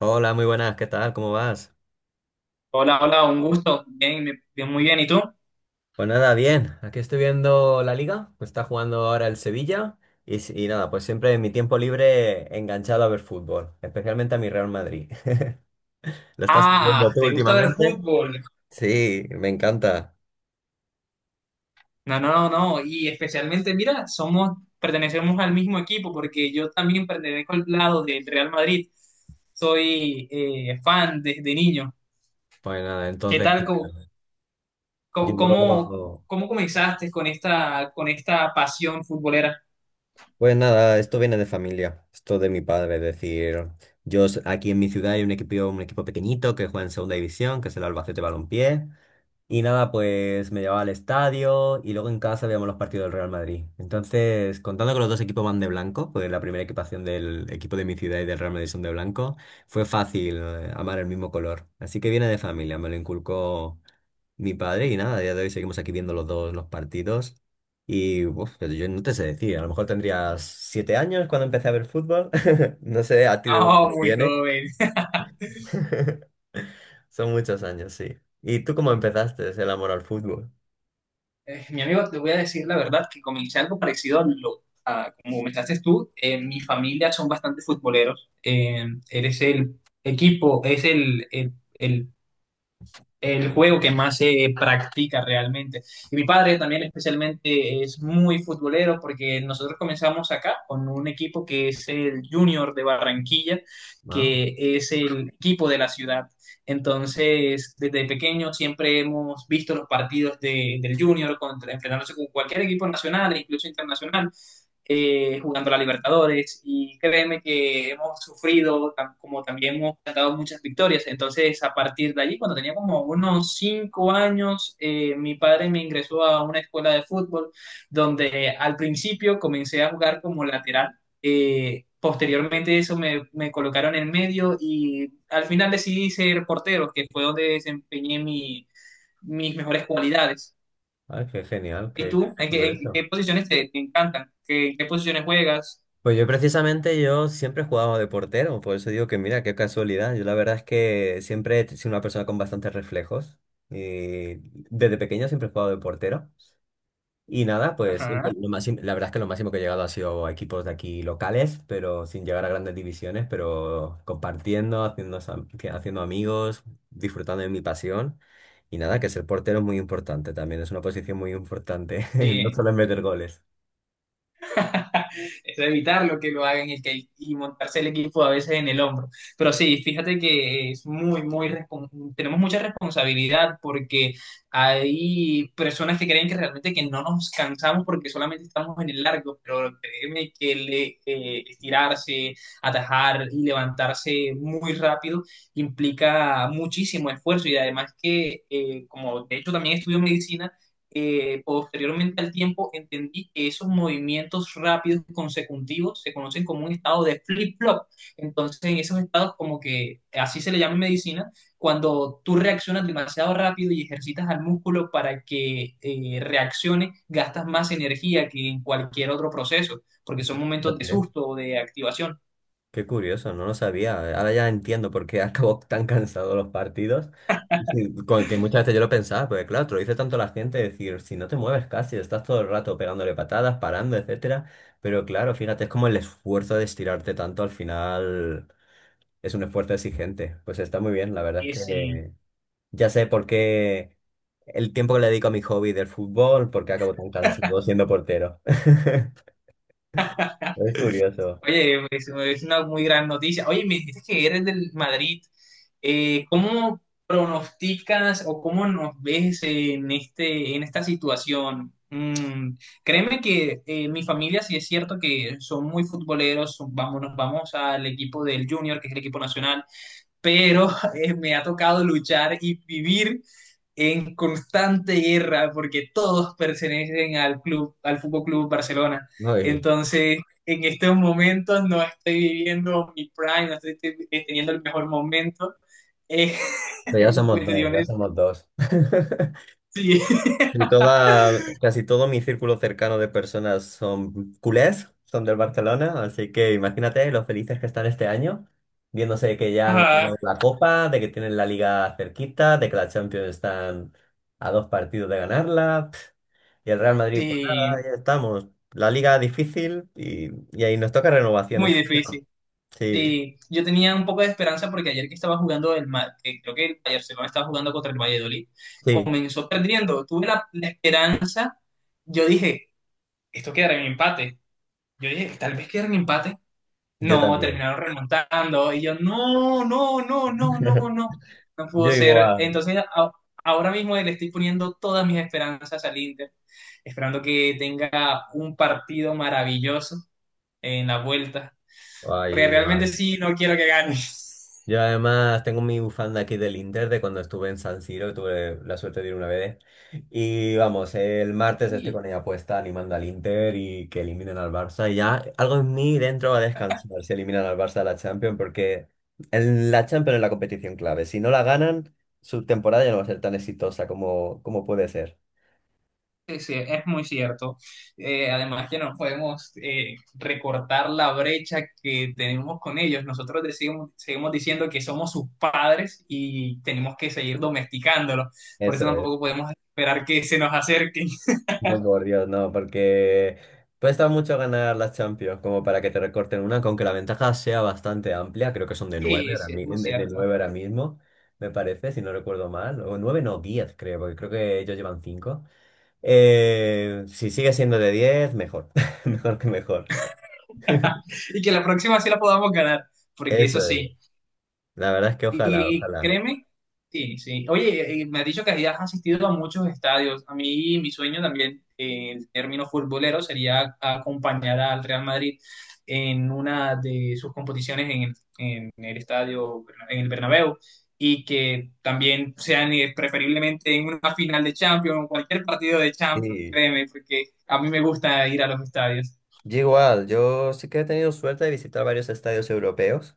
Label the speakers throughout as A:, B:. A: Hola, muy buenas, ¿qué tal? ¿Cómo vas?
B: Hola, hola, un gusto. Bien, bien, muy bien. ¿Y tú?
A: Pues nada, bien, aquí estoy viendo la liga, está jugando ahora el Sevilla y nada, pues siempre en mi tiempo libre enganchado a ver fútbol, especialmente a mi Real Madrid. ¿Lo estás
B: Ah,
A: viendo tú
B: ¿te gusta ver
A: últimamente?
B: fútbol?
A: Sí, me encanta.
B: No, no, no, no. Y especialmente, mira, somos, pertenecemos al mismo equipo porque yo también pertenezco al lado del Real Madrid. Soy fan desde niño.
A: Pues nada,
B: ¿Qué
A: entonces,
B: tal? Cómo, cómo-
A: yo,
B: cómo comenzaste con esta pasión futbolera?
A: pues nada, esto viene de familia, esto de mi padre, es decir, aquí en mi ciudad hay un equipo pequeñito que juega en segunda división, que es el Albacete Balompié. Y nada, pues me llevaba al estadio y luego en casa veíamos los partidos del Real Madrid. Entonces, contando que los dos equipos van de blanco, pues la primera equipación del equipo de mi ciudad y del Real Madrid son de blanco, fue fácil amar el mismo color. Así que viene de familia, me lo inculcó mi padre y nada, a día de hoy seguimos aquí viendo los dos los partidos. Y uf, pero yo no te sé decir, a lo mejor tendrías 7 años cuando empecé a ver fútbol. No sé a ti de dónde te
B: Oh, muy
A: viene.
B: joven.
A: Son muchos años, sí. ¿Y tú cómo empezaste el amor al fútbol?
B: Mi amigo, te voy a decir la verdad que comencé algo parecido a como comenzaste tú. Mi familia son bastante futboleros. Eres el equipo, es el juego que más se practica realmente. Y mi padre también especialmente es muy futbolero porque nosotros comenzamos acá con un equipo que es el Junior de Barranquilla,
A: Ah.
B: que es el equipo de la ciudad. Entonces, desde pequeño siempre hemos visto los partidos del Junior contra, enfrentándose con cualquier equipo nacional e incluso internacional jugando la Libertadores, y créeme que hemos sufrido, como también hemos cantado muchas victorias. Entonces, a partir de allí, cuando tenía como unos 5 años, mi padre me ingresó a una escuela de fútbol donde al principio comencé a jugar como lateral. Posteriormente eso me colocaron en medio y al final decidí ser portero, que fue donde desempeñé mis mejores cualidades.
A: Ay, qué genial,
B: ¿Y
A: qué
B: tú? En
A: curioso.
B: qué posiciones te encantan? ¿Qué posiciones juegas?
A: Pues yo precisamente yo siempre he jugado de portero, por eso digo que mira, qué casualidad. Yo la verdad es que siempre he sido una persona con bastantes reflejos y desde pequeño siempre he jugado de portero. Y nada, pues siempre
B: Ajá,
A: lo máximo- la verdad es que lo máximo que he llegado ha sido a equipos de aquí locales, pero sin llegar a grandes divisiones, pero compartiendo, haciendo amigos, disfrutando de mi pasión. Y nada, que ser portero es muy importante también, es una posición muy importante, no
B: sí.
A: solo es meter goles.
B: Es evitar lo que lo hagan y, que- y montarse el equipo a veces en el hombro. Pero sí, fíjate que es muy, muy, tenemos mucha responsabilidad porque hay personas que creen que realmente que no nos cansamos porque solamente estamos en el largo, pero créeme que le, estirarse, atajar y levantarse muy rápido implica muchísimo esfuerzo y además que, como de hecho también estudio medicina, posteriormente al tiempo entendí que esos movimientos rápidos consecutivos se conocen como un estado de flip-flop. Entonces, en esos estados, como que así se le llama en medicina, cuando tú reaccionas demasiado rápido y ejercitas al músculo para que reaccione, gastas más energía que en cualquier otro proceso, porque son momentos de susto o de activación.
A: Qué curioso, no lo sabía. Ahora ya entiendo por qué acabó tan cansado los partidos. Sí, con que muchas veces yo lo pensaba, porque claro, te lo dice tanto la gente, decir, si no te mueves casi, estás todo el rato pegándole patadas, parando, etcétera. Pero claro, fíjate, es como el esfuerzo de estirarte tanto al final es un esfuerzo exigente. Pues está muy bien, la verdad es
B: Sí.
A: que ya sé por qué el tiempo que le dedico a mi hobby del fútbol, por qué acabo tan cansado siendo portero. Es curioso.
B: Oye, pues, es una muy gran noticia. Oye, me dijiste que eres del Madrid. ¿Cómo pronosticas o cómo nos ves en este, en esta situación? Créeme que mi familia sí es cierto que son muy futboleros, vamos, nos vamos al equipo del Junior, que es el equipo nacional, pero me ha tocado luchar y vivir en constante guerra porque todos pertenecen al club, al Fútbol Club Barcelona.
A: Uy,
B: Entonces, en estos momentos no estoy viviendo no estoy teniendo el mejor momento eh,
A: pero ya
B: en
A: somos dos, ya
B: cuestiones
A: somos dos.
B: sí,
A: Y toda, casi todo mi círculo cercano de personas son culés, son del Barcelona, así que imagínate lo felices que están este año, viéndose que ya han
B: ah,
A: ganado la Copa, de que tienen la Liga cerquita, de que la Champions están a dos partidos de ganarla, pf, y el Real Madrid, pues nada,
B: sí,
A: ya estamos. La Liga difícil y ahí nos toca renovación
B: muy
A: este año.
B: difícil.
A: Sí,
B: Sí, yo tenía un poco de esperanza porque ayer que estaba jugando que creo que el Barcelona estaba jugando contra el Valladolid,
A: sí,
B: comenzó perdiendo. Tuve la esperanza, yo dije, esto quedará en empate. Yo dije, tal vez quedará en empate.
A: yo
B: No,
A: también.
B: terminaron remontando. Y yo, no, no, no, no, no, no. No pudo
A: Yo
B: ser.
A: igual.
B: Entonces, ahora mismo le estoy poniendo todas mis esperanzas al Inter, esperando que tenga un partido maravilloso en la vuelta,
A: Ay,
B: porque realmente
A: igual.
B: sí, no quiero que gane.
A: Yo además tengo mi bufanda aquí del Inter de cuando estuve en San Siro, tuve la suerte de ir una vez. Y vamos, el martes estoy
B: Sí,
A: con ella puesta animando al Inter y que eliminen al Barça. Y ya algo en mí dentro va a descansar si eliminan al Barça de la Champions, porque en la Champions es la competición clave. Si no la ganan, su temporada ya no va a ser tan exitosa como puede ser.
B: sí, sí, es muy cierto. Además que no podemos recortar la brecha que tenemos con ellos. Nosotros decimos- seguimos diciendo que somos sus padres y tenemos que seguir domesticándolos. Por eso
A: Eso es.
B: tampoco podemos esperar que se nos acerquen.
A: No, por Dios, no, porque cuesta mucho ganar las Champions como para que te recorten una, aunque la ventaja sea bastante amplia, creo que son de nueve
B: Sí,
A: ahora,
B: sí, es
A: mi-
B: muy
A: de, de
B: cierto.
A: nueve ahora mismo, me parece, si no recuerdo mal, o nueve no, 10 creo, porque creo que ellos llevan cinco. Si sigue siendo de 10, mejor, mejor que mejor.
B: Y que la próxima sí la podamos ganar, porque
A: Eso
B: eso
A: es,
B: sí.
A: la verdad es que ojalá,
B: Y
A: ojalá.
B: créeme, sí, sí. Oye, me has dicho que has asistido a muchos estadios. A mí, mi sueño también, en términos futboleros, sería acompañar al Real Madrid en una de sus competiciones en el estadio, en el Bernabéu, y que también sean preferiblemente en una final de Champions, en cualquier partido de Champions,
A: Sí,
B: créeme, porque a mí me gusta ir a los estadios.
A: yo igual, yo sí que he tenido suerte de visitar varios estadios europeos.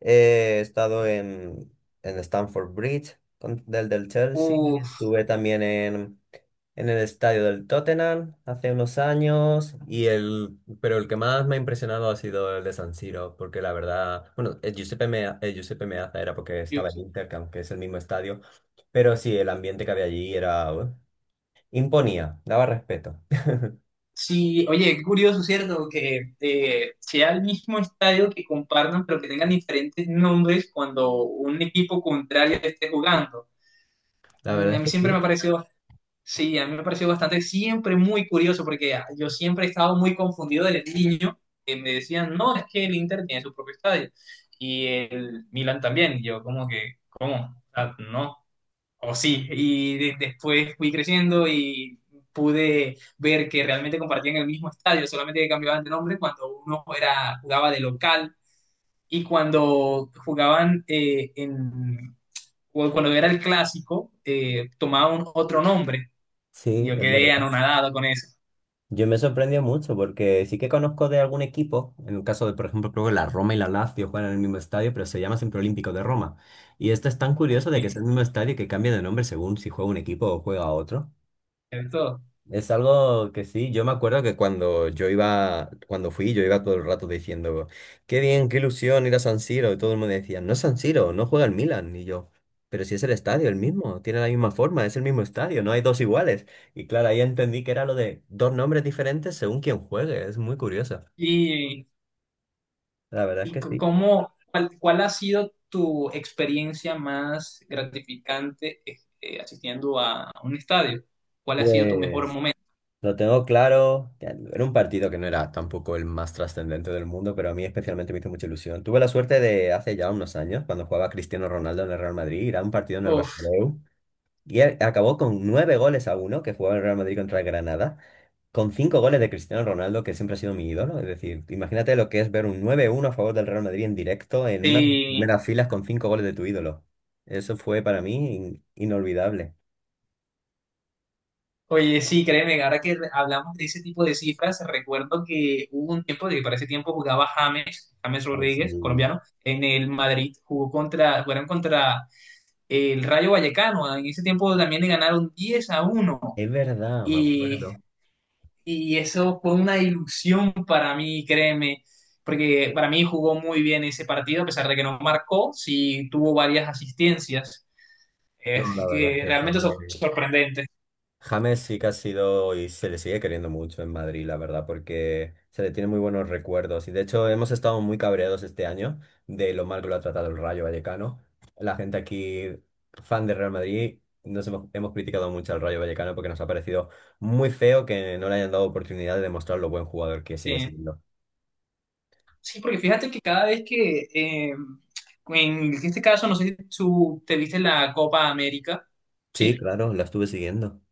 A: He estado en Stamford Bridge, del Chelsea.
B: Uf.
A: Estuve también en el estadio del Tottenham hace unos años. Pero el que más me ha impresionado ha sido el de San Siro, porque la verdad, bueno, el Giuseppe, el Giuseppe Meazza era porque estaba en Inter, que aunque es el mismo estadio, pero sí, el ambiente que había allí era, imponía, daba respeto.
B: Sí, oye, qué curioso, ¿cierto? Que sea el mismo estadio que compartan, pero que tengan diferentes nombres cuando un equipo contrario esté jugando.
A: La verdad
B: A
A: es
B: mí
A: que
B: siempre me ha
A: sí.
B: parecido, sí, a mí me ha parecido bastante, siempre muy curioso, porque yo siempre he estado muy confundido desde niño, que me decían, no, es que el Inter tiene su propio estadio, y el Milan también, y yo como que, ¿cómo? O sea, no. O sí, y después fui creciendo y pude ver que realmente compartían el mismo estadio, solamente que cambiaban de nombre cuando uno era, jugaba de local y cuando jugaban o cuando era el clásico, tomaban otro nombre. Y
A: Sí,
B: yo
A: es
B: quedé
A: verdad.
B: anonadado con eso.
A: Yo me sorprendió mucho porque sí que conozco de algún equipo, en el caso de, por ejemplo, creo que la Roma y la Lazio juegan en el mismo estadio, pero se llama siempre Olímpico de Roma. Y esto es tan curioso de que es el mismo estadio y que cambia de nombre según si juega un equipo o juega otro.
B: De todo.
A: Es algo que sí, yo me acuerdo que cuando yo iba, cuando fui, yo iba todo el rato diciendo, qué bien, qué ilusión ir a San Siro, y todo el mundo decía, no es San Siro, no juega el Milan, y yo, pero si es el estadio, el mismo, tiene la misma forma, es el mismo estadio, no hay dos iguales. Y claro, ahí entendí que era lo de dos nombres diferentes según quien juegue, es muy curioso.
B: Y,
A: La verdad es
B: y
A: que
B: c-
A: sí.
B: cómo, cuál, cuál ha sido tu experiencia más gratificante asistiendo a un estadio? ¿Cuál ha sido tu mejor
A: Pues
B: momento?
A: lo tengo claro. Que era un partido que no era tampoco el más trascendente del mundo, pero a mí especialmente me hizo mucha ilusión. Tuve la suerte de hace ya unos años, cuando jugaba Cristiano Ronaldo en el Real Madrid, ir a un partido en el
B: Uf,
A: Bernabéu y acabó con nueve goles a uno que jugaba el Real Madrid contra el Granada, con cinco goles de Cristiano Ronaldo, que siempre ha sido mi ídolo. Es decir, imagínate lo que es ver un 9-1 a favor del Real Madrid en directo en unas
B: sí.
A: primeras filas con cinco goles de tu ídolo. Eso fue para mí inolvidable.
B: Oye, sí, créeme, que ahora que hablamos de ese tipo de cifras, recuerdo que hubo un tiempo, de que para ese tiempo jugaba James, James
A: Ay,
B: Rodríguez,
A: sí.
B: colombiano, en el Madrid, jugó contra, jugaron contra el Rayo Vallecano, en ese tiempo también le ganaron 10-1
A: Es verdad, me
B: y,
A: acuerdo.
B: y eso fue una ilusión para mí, créeme, porque para mí jugó muy bien ese partido, a pesar de que no marcó, sí tuvo varias asistencias,
A: No,
B: es
A: la verdad es
B: que
A: que
B: realmente
A: James,
B: sorprendente.
A: James sí que ha sido y se le sigue queriendo mucho en Madrid, la verdad, porque se le tiene muy buenos recuerdos. Y de hecho hemos estado muy cabreados este año de lo mal que lo ha tratado el Rayo Vallecano. La gente aquí, fan de Real Madrid, hemos criticado mucho al Rayo Vallecano porque nos ha parecido muy feo que no le hayan dado oportunidad de demostrar lo buen jugador que sigue
B: Sí.
A: siendo.
B: Sí, porque fíjate que cada vez que, en este caso, no sé si tú te viste la Copa América,
A: Sí,
B: ¿sí?
A: claro, la estuve siguiendo.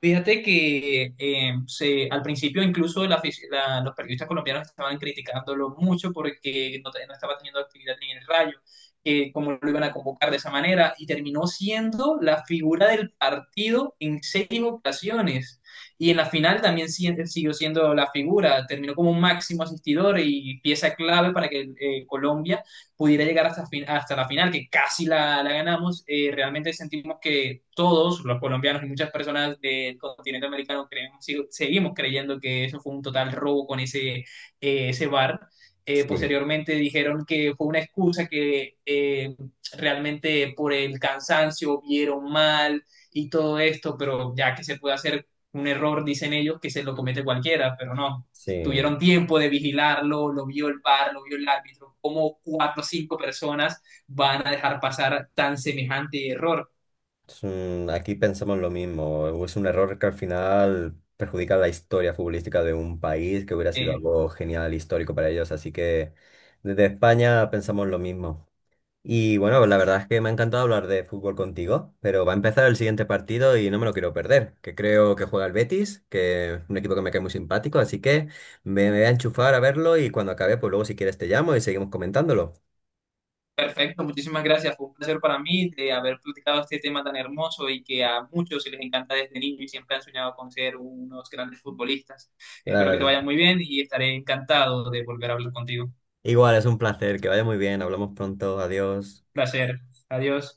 B: Fíjate que se, al principio incluso la los periodistas colombianos estaban criticándolo mucho porque no, no estaba teniendo actividad ni en el Rayo, cómo lo iban a convocar de esa manera, y terminó siendo la figura del partido en seis ocasiones. Y en la final también siguió siendo la figura, terminó como un máximo asistidor y pieza clave para que Colombia pudiera llegar hasta la final, que casi la ganamos, realmente sentimos que todos, los colombianos y muchas personas del continente americano, creemos, seguimos creyendo que eso fue un total robo con ese VAR.
A: Sí,
B: Posteriormente dijeron que fue una excusa que realmente por el cansancio vieron mal y todo esto, pero ya que se puede hacer un error, dicen ellos, que se lo comete cualquiera, pero no,
A: sí.
B: tuvieron tiempo de vigilarlo, lo vio el VAR, lo vio el árbitro, cómo cuatro o cinco personas van a dejar pasar tan semejante error.
A: Aquí pensamos lo mismo. Es un error que al final perjudica la historia futbolística de un país que hubiera sido
B: Eh,
A: algo genial, histórico para ellos. Así que desde España pensamos lo mismo. Y bueno, la verdad es que me ha encantado hablar de fútbol contigo, pero va a empezar el siguiente partido y no me lo quiero perder, que creo que juega el Betis, que es un equipo que me cae muy simpático, así que me voy a enchufar a verlo y cuando acabe, pues luego si quieres te llamo y seguimos comentándolo.
B: Perfecto, muchísimas gracias, fue un placer para mí de haber platicado este tema tan hermoso y que a muchos se les encanta desde niño y siempre han soñado con ser unos grandes futbolistas.
A: La
B: Espero que te
A: verdad.
B: vaya muy bien y estaré encantado de volver a hablar contigo.
A: Igual, es un placer, que vaya muy bien, hablamos pronto, adiós.
B: Placer, adiós.